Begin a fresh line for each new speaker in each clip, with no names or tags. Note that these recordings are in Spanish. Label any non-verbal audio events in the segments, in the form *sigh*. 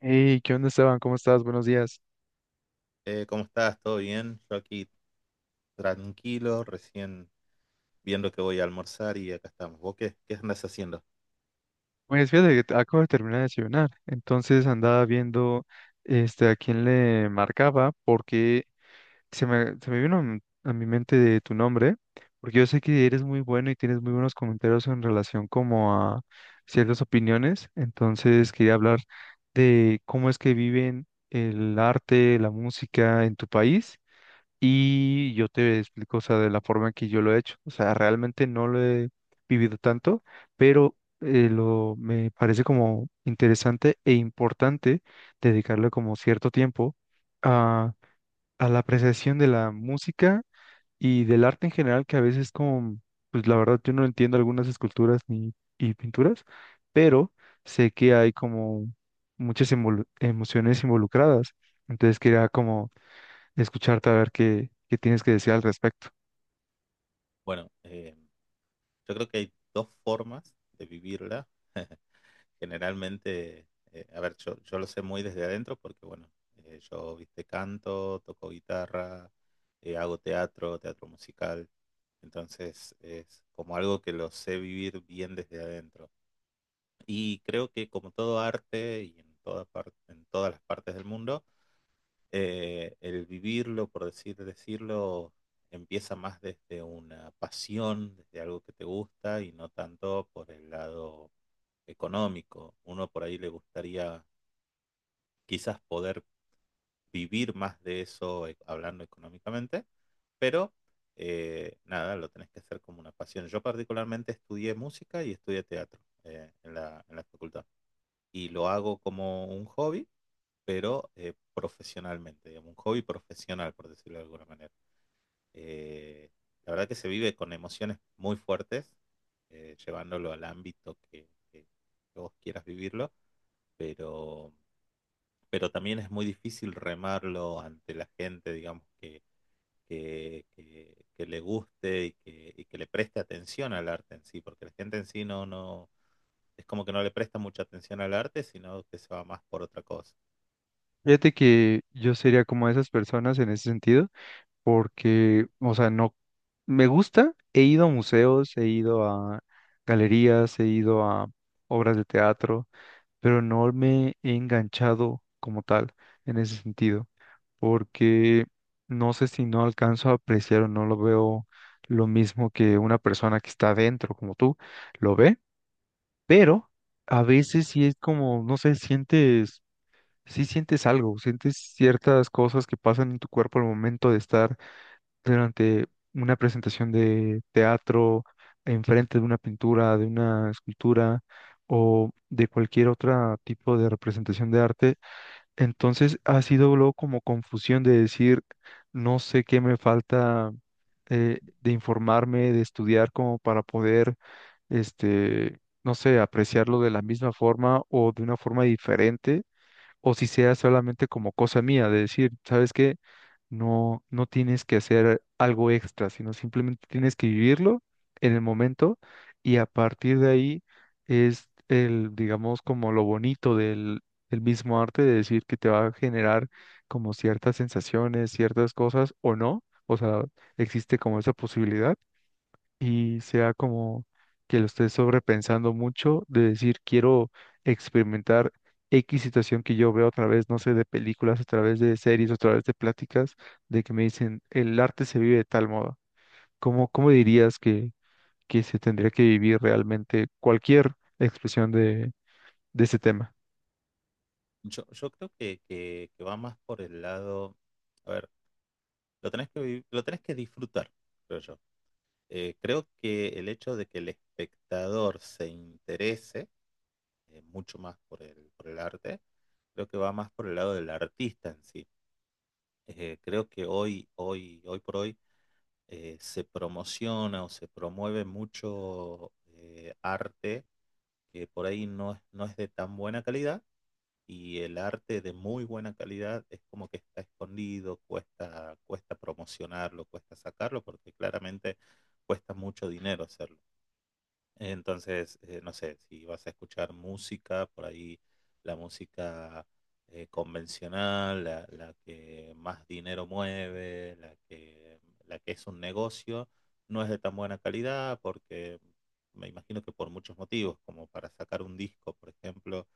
Hey, ¿qué onda, Esteban? ¿Cómo estás? Buenos días.
¿Cómo estás? ¿Todo bien? Yo aquí tranquilo, recién viendo que voy a almorzar y acá estamos. ¿Vos qué andas haciendo?
Pues fíjate que acabo de terminar de desayunar, entonces andaba viendo este, a quién le marcaba porque se me vino a mi mente de tu nombre, porque yo sé que eres muy bueno y tienes muy buenos comentarios en relación como a ciertas opiniones, entonces quería hablar de cómo es que viven el arte, la música en tu país. Y yo te explico, o sea, de la forma en que yo lo he hecho. O sea, realmente no lo he vivido tanto, pero me parece como interesante e importante dedicarle como cierto tiempo a, a la apreciación de la música y del arte en general, que a veces como, pues la verdad yo no entiendo algunas esculturas ni, y pinturas, pero sé que hay como emociones involucradas. Entonces quería como escucharte a ver qué tienes que decir al respecto.
Bueno, yo creo que hay dos formas de vivirla. *laughs* Generalmente, a ver, yo lo sé muy desde adentro porque, bueno, yo, viste, canto, toco guitarra, hago teatro, teatro musical. Entonces, es como algo que lo sé vivir bien desde adentro. Y creo que como todo arte y en en todas las partes del mundo, el vivirlo, por decirlo, empieza más desde una pasión, desde algo que te gusta y no tanto por el lado económico. Uno por ahí le gustaría quizás poder vivir más de eso, hablando económicamente, pero nada, lo tenés que hacer como una pasión. Yo particularmente estudié música y estudié teatro en la facultad y lo hago como un hobby pero profesionalmente, digamos, un hobby profesional, por decirlo de alguna manera. Eh, la verdad que se vive con emociones muy fuertes, llevándolo al ámbito que vos quieras vivirlo, pero, pero también es muy difícil remarlo ante la gente, digamos, que que le guste y que le preste atención al arte en sí, porque la gente en sí no, es como que no le presta mucha atención al arte, sino que se va más por otra cosa.
Fíjate que yo sería como esas personas en ese sentido, porque, o sea, no me gusta, he ido a museos, he ido a galerías, he ido a obras de teatro, pero no me he enganchado como tal en ese sentido, porque no sé si no alcanzo a apreciar o no lo veo lo mismo que una persona que está dentro como tú lo ve, pero a veces sí es como, no sé, sientes Sí sientes algo, sientes ciertas cosas que pasan en tu cuerpo al momento de estar durante una presentación de teatro, enfrente de una pintura, de una escultura o de cualquier otro tipo de representación de arte. Entonces ha sido luego como confusión de decir, no sé qué me falta, de informarme, de estudiar como para poder, este, no sé, apreciarlo de la misma forma o de una forma diferente, o si sea solamente como cosa mía, de decir, ¿sabes qué? No, no tienes que hacer algo extra, sino simplemente tienes que vivirlo en el momento y a partir de ahí es el, digamos, como lo bonito del mismo arte, de decir que te va a generar como ciertas sensaciones, ciertas cosas o no, o sea, existe como esa posibilidad y sea como que lo estés sobrepensando mucho de decir, quiero experimentar X situación que yo veo a través, no sé, de películas, a través de series, a través de pláticas, de que me dicen, el arte se vive de tal modo. Cómo dirías que se tendría que vivir realmente cualquier expresión de ese tema?
Yo creo que va más por el lado, a ver, lo tenés lo tenés que disfrutar, creo yo. Creo que el hecho de que el espectador se interese mucho más por por el arte, creo que va más por el lado del artista en sí. Creo que hoy por hoy se promociona o se promueve mucho arte que por ahí no es de tan buena calidad y el arte de muy buena calidad es como que está escondido, cuesta promocionarlo, cuesta sacarlo, porque claramente cuesta mucho dinero hacerlo. Entonces, no sé, si vas a escuchar música, por ahí la música convencional, la que más dinero mueve, la que es un negocio, no es de tan buena calidad porque me imagino que por muchos motivos, como para sacar un disco, por ejemplo,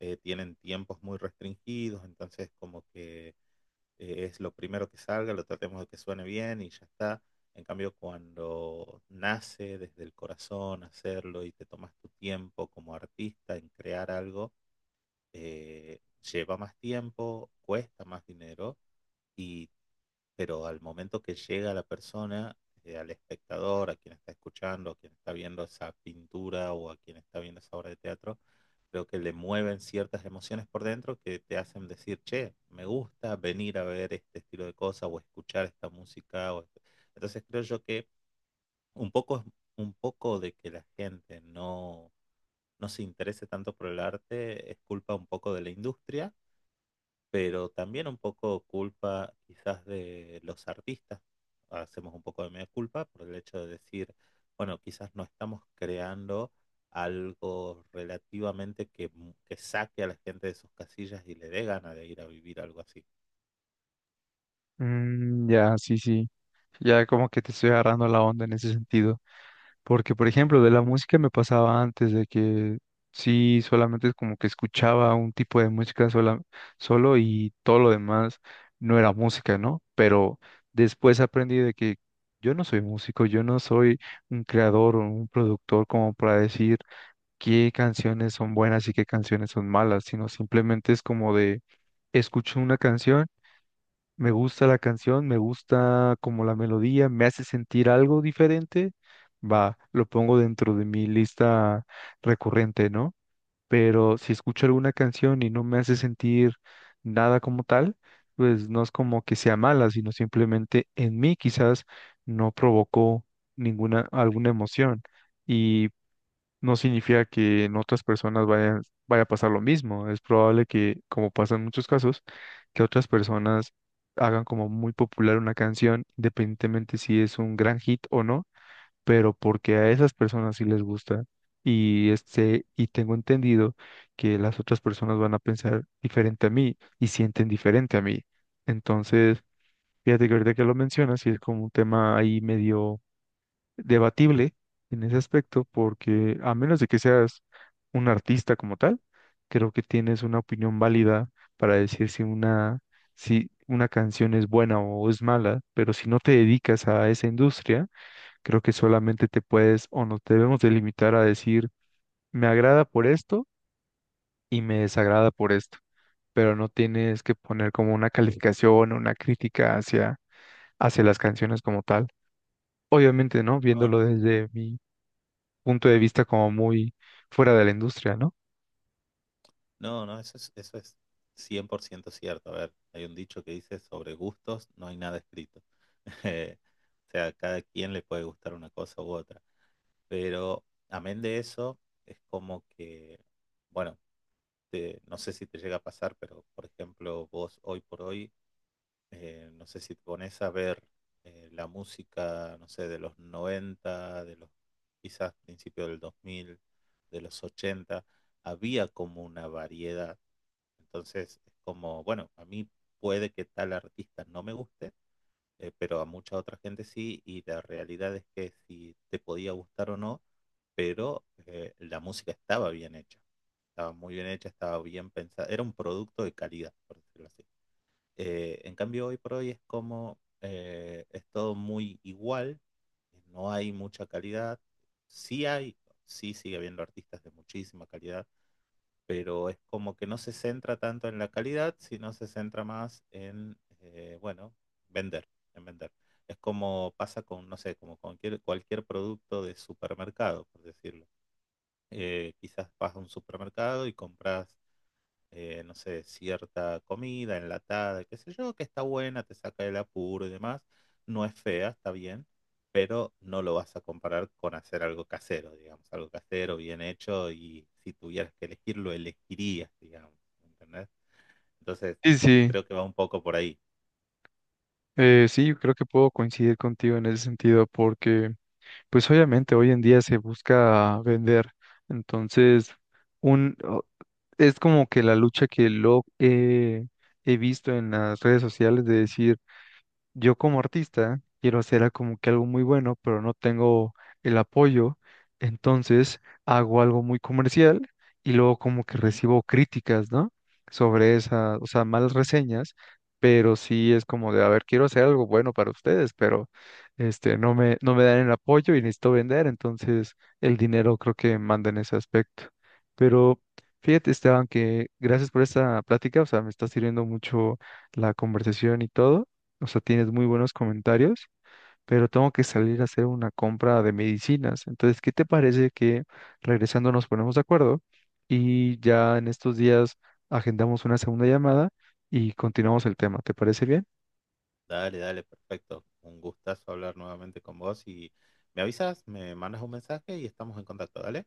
tienen tiempos muy restringidos, entonces como que es lo primero que salga, lo tratemos de que suene bien y ya está. En cambio, cuando nace desde el corazón hacerlo y te tomas tu tiempo como artista en crear algo, eh, lleva más tiempo, cuesta más dinero y pero al momento que llega la persona, al espectador, a quien está escuchando, a quien está viendo esa pintura o a quien está viendo esa obra de teatro, creo que le mueven ciertas emociones por dentro que te hacen decir, che, me gusta venir a ver este estilo de cosas o escuchar esta música. O este". Entonces creo yo que un un poco de que la gente no se interese tanto por el arte es culpa un poco de la industria pero también un poco culpa quizás de los artistas. Hacemos un poco de media culpa por el hecho de decir, bueno, quizás no estamos creando algo relativamente que, que saque a la gente de sus casillas y le dé ganas de ir a vivir algo así.
Mm, ya, sí, sí, ya como que te estoy agarrando la onda en ese sentido. Porque, por ejemplo, de la música me pasaba antes de que sí, solamente es como que escuchaba un tipo de música sola, solo y todo lo demás no era música, ¿no? Pero después aprendí de que yo no soy músico, yo no soy un creador o un productor como para decir qué canciones son buenas y qué canciones son malas, sino simplemente es como de escucho una canción. Me gusta la canción, me gusta como la melodía, me hace sentir algo diferente. Va, lo pongo dentro de mi lista recurrente, ¿no? Pero si escucho alguna canción y no me hace sentir nada como tal, pues no es como que sea mala, sino simplemente en mí quizás no provocó ninguna, alguna emoción. Y no significa que en otras personas vaya a pasar lo mismo. Es probable que, como pasa en muchos casos, que otras personas hagan como muy popular una canción, independientemente si es un gran hit o no, pero porque a esas personas sí les gusta. Y este, y tengo entendido que las otras personas van a pensar diferente a mí y sienten diferente a mí. Entonces, fíjate que ahorita que lo mencionas, sí es como un tema ahí medio debatible en ese aspecto porque a menos de que seas un artista como tal, creo que tienes una opinión válida para decir si si una canción es buena o es mala, pero si no te dedicas a esa industria, creo que solamente te puedes o nos debemos delimitar a decir me agrada por esto y me desagrada por esto, pero no tienes que poner como una calificación o una crítica hacia las canciones como tal. Obviamente, ¿no?
No,
Viéndolo desde mi punto de vista como muy fuera de la industria, ¿no?
no, no, eso eso es 100% cierto. A ver, hay un dicho que dice, sobre gustos no hay nada escrito. *laughs* Eh, o sea, a cada quien le puede gustar una cosa u otra. Pero amén de eso, es como que, bueno, no sé si te llega a pasar, pero por ejemplo, vos hoy por hoy, no sé si te pones a ver la música, no sé, de los 90 de los quizás principio del 2000 de los 80 había como una variedad. Entonces, es como, bueno, a mí puede que tal artista no me guste, pero a mucha otra gente sí, y la realidad es que si te podía gustar o no, pero la música estaba bien hecha, estaba muy bien hecha, estaba bien pensada, era un producto de calidad, por decirlo así. En cambio, hoy por hoy es como, es todo muy igual, no hay mucha calidad, sí hay, sí sigue habiendo artistas de muchísima calidad, pero es como que no se centra tanto en la calidad, sino se centra más en, bueno, vender, en vender. Es como pasa con, no sé, como con cualquier producto de supermercado, por decirlo. Quizás vas a un supermercado y compras no sé, cierta comida enlatada, qué sé yo, que está buena, te saca del apuro y demás. No es fea, está bien, pero no lo vas a comparar con hacer algo casero, digamos, algo casero, bien hecho, y si tuvieras que elegirlo, elegirías, digamos, ¿entendés? Entonces,
Sí, sí,
creo que va un poco por ahí.
sí, yo creo que puedo coincidir contigo en ese sentido porque, pues obviamente hoy en día se busca vender, entonces un, o- es como que la lucha que lo he he visto en las redes sociales de decir, yo como artista quiero como que algo muy bueno, pero no tengo el apoyo, entonces hago algo muy comercial y luego como que
Ujú.
recibo críticas, ¿no? Sobre esa, o sea, malas reseñas, pero sí es como de, a ver, quiero hacer algo bueno para ustedes, pero este, no me dan el apoyo y necesito vender, entonces el dinero creo que manda en ese aspecto. Pero fíjate, Esteban, que gracias por esta plática, o sea, me está sirviendo mucho la conversación y todo, o sea, tienes muy buenos comentarios, pero tengo que salir a hacer una compra de medicinas. Entonces, ¿qué te parece que regresando nos ponemos de acuerdo y ya en estos días agendamos una segunda llamada y continuamos el tema? ¿Te parece bien?
Dale, dale, perfecto. Un gustazo hablar nuevamente con vos y me avisas, me mandas un mensaje y estamos en contacto, ¿dale?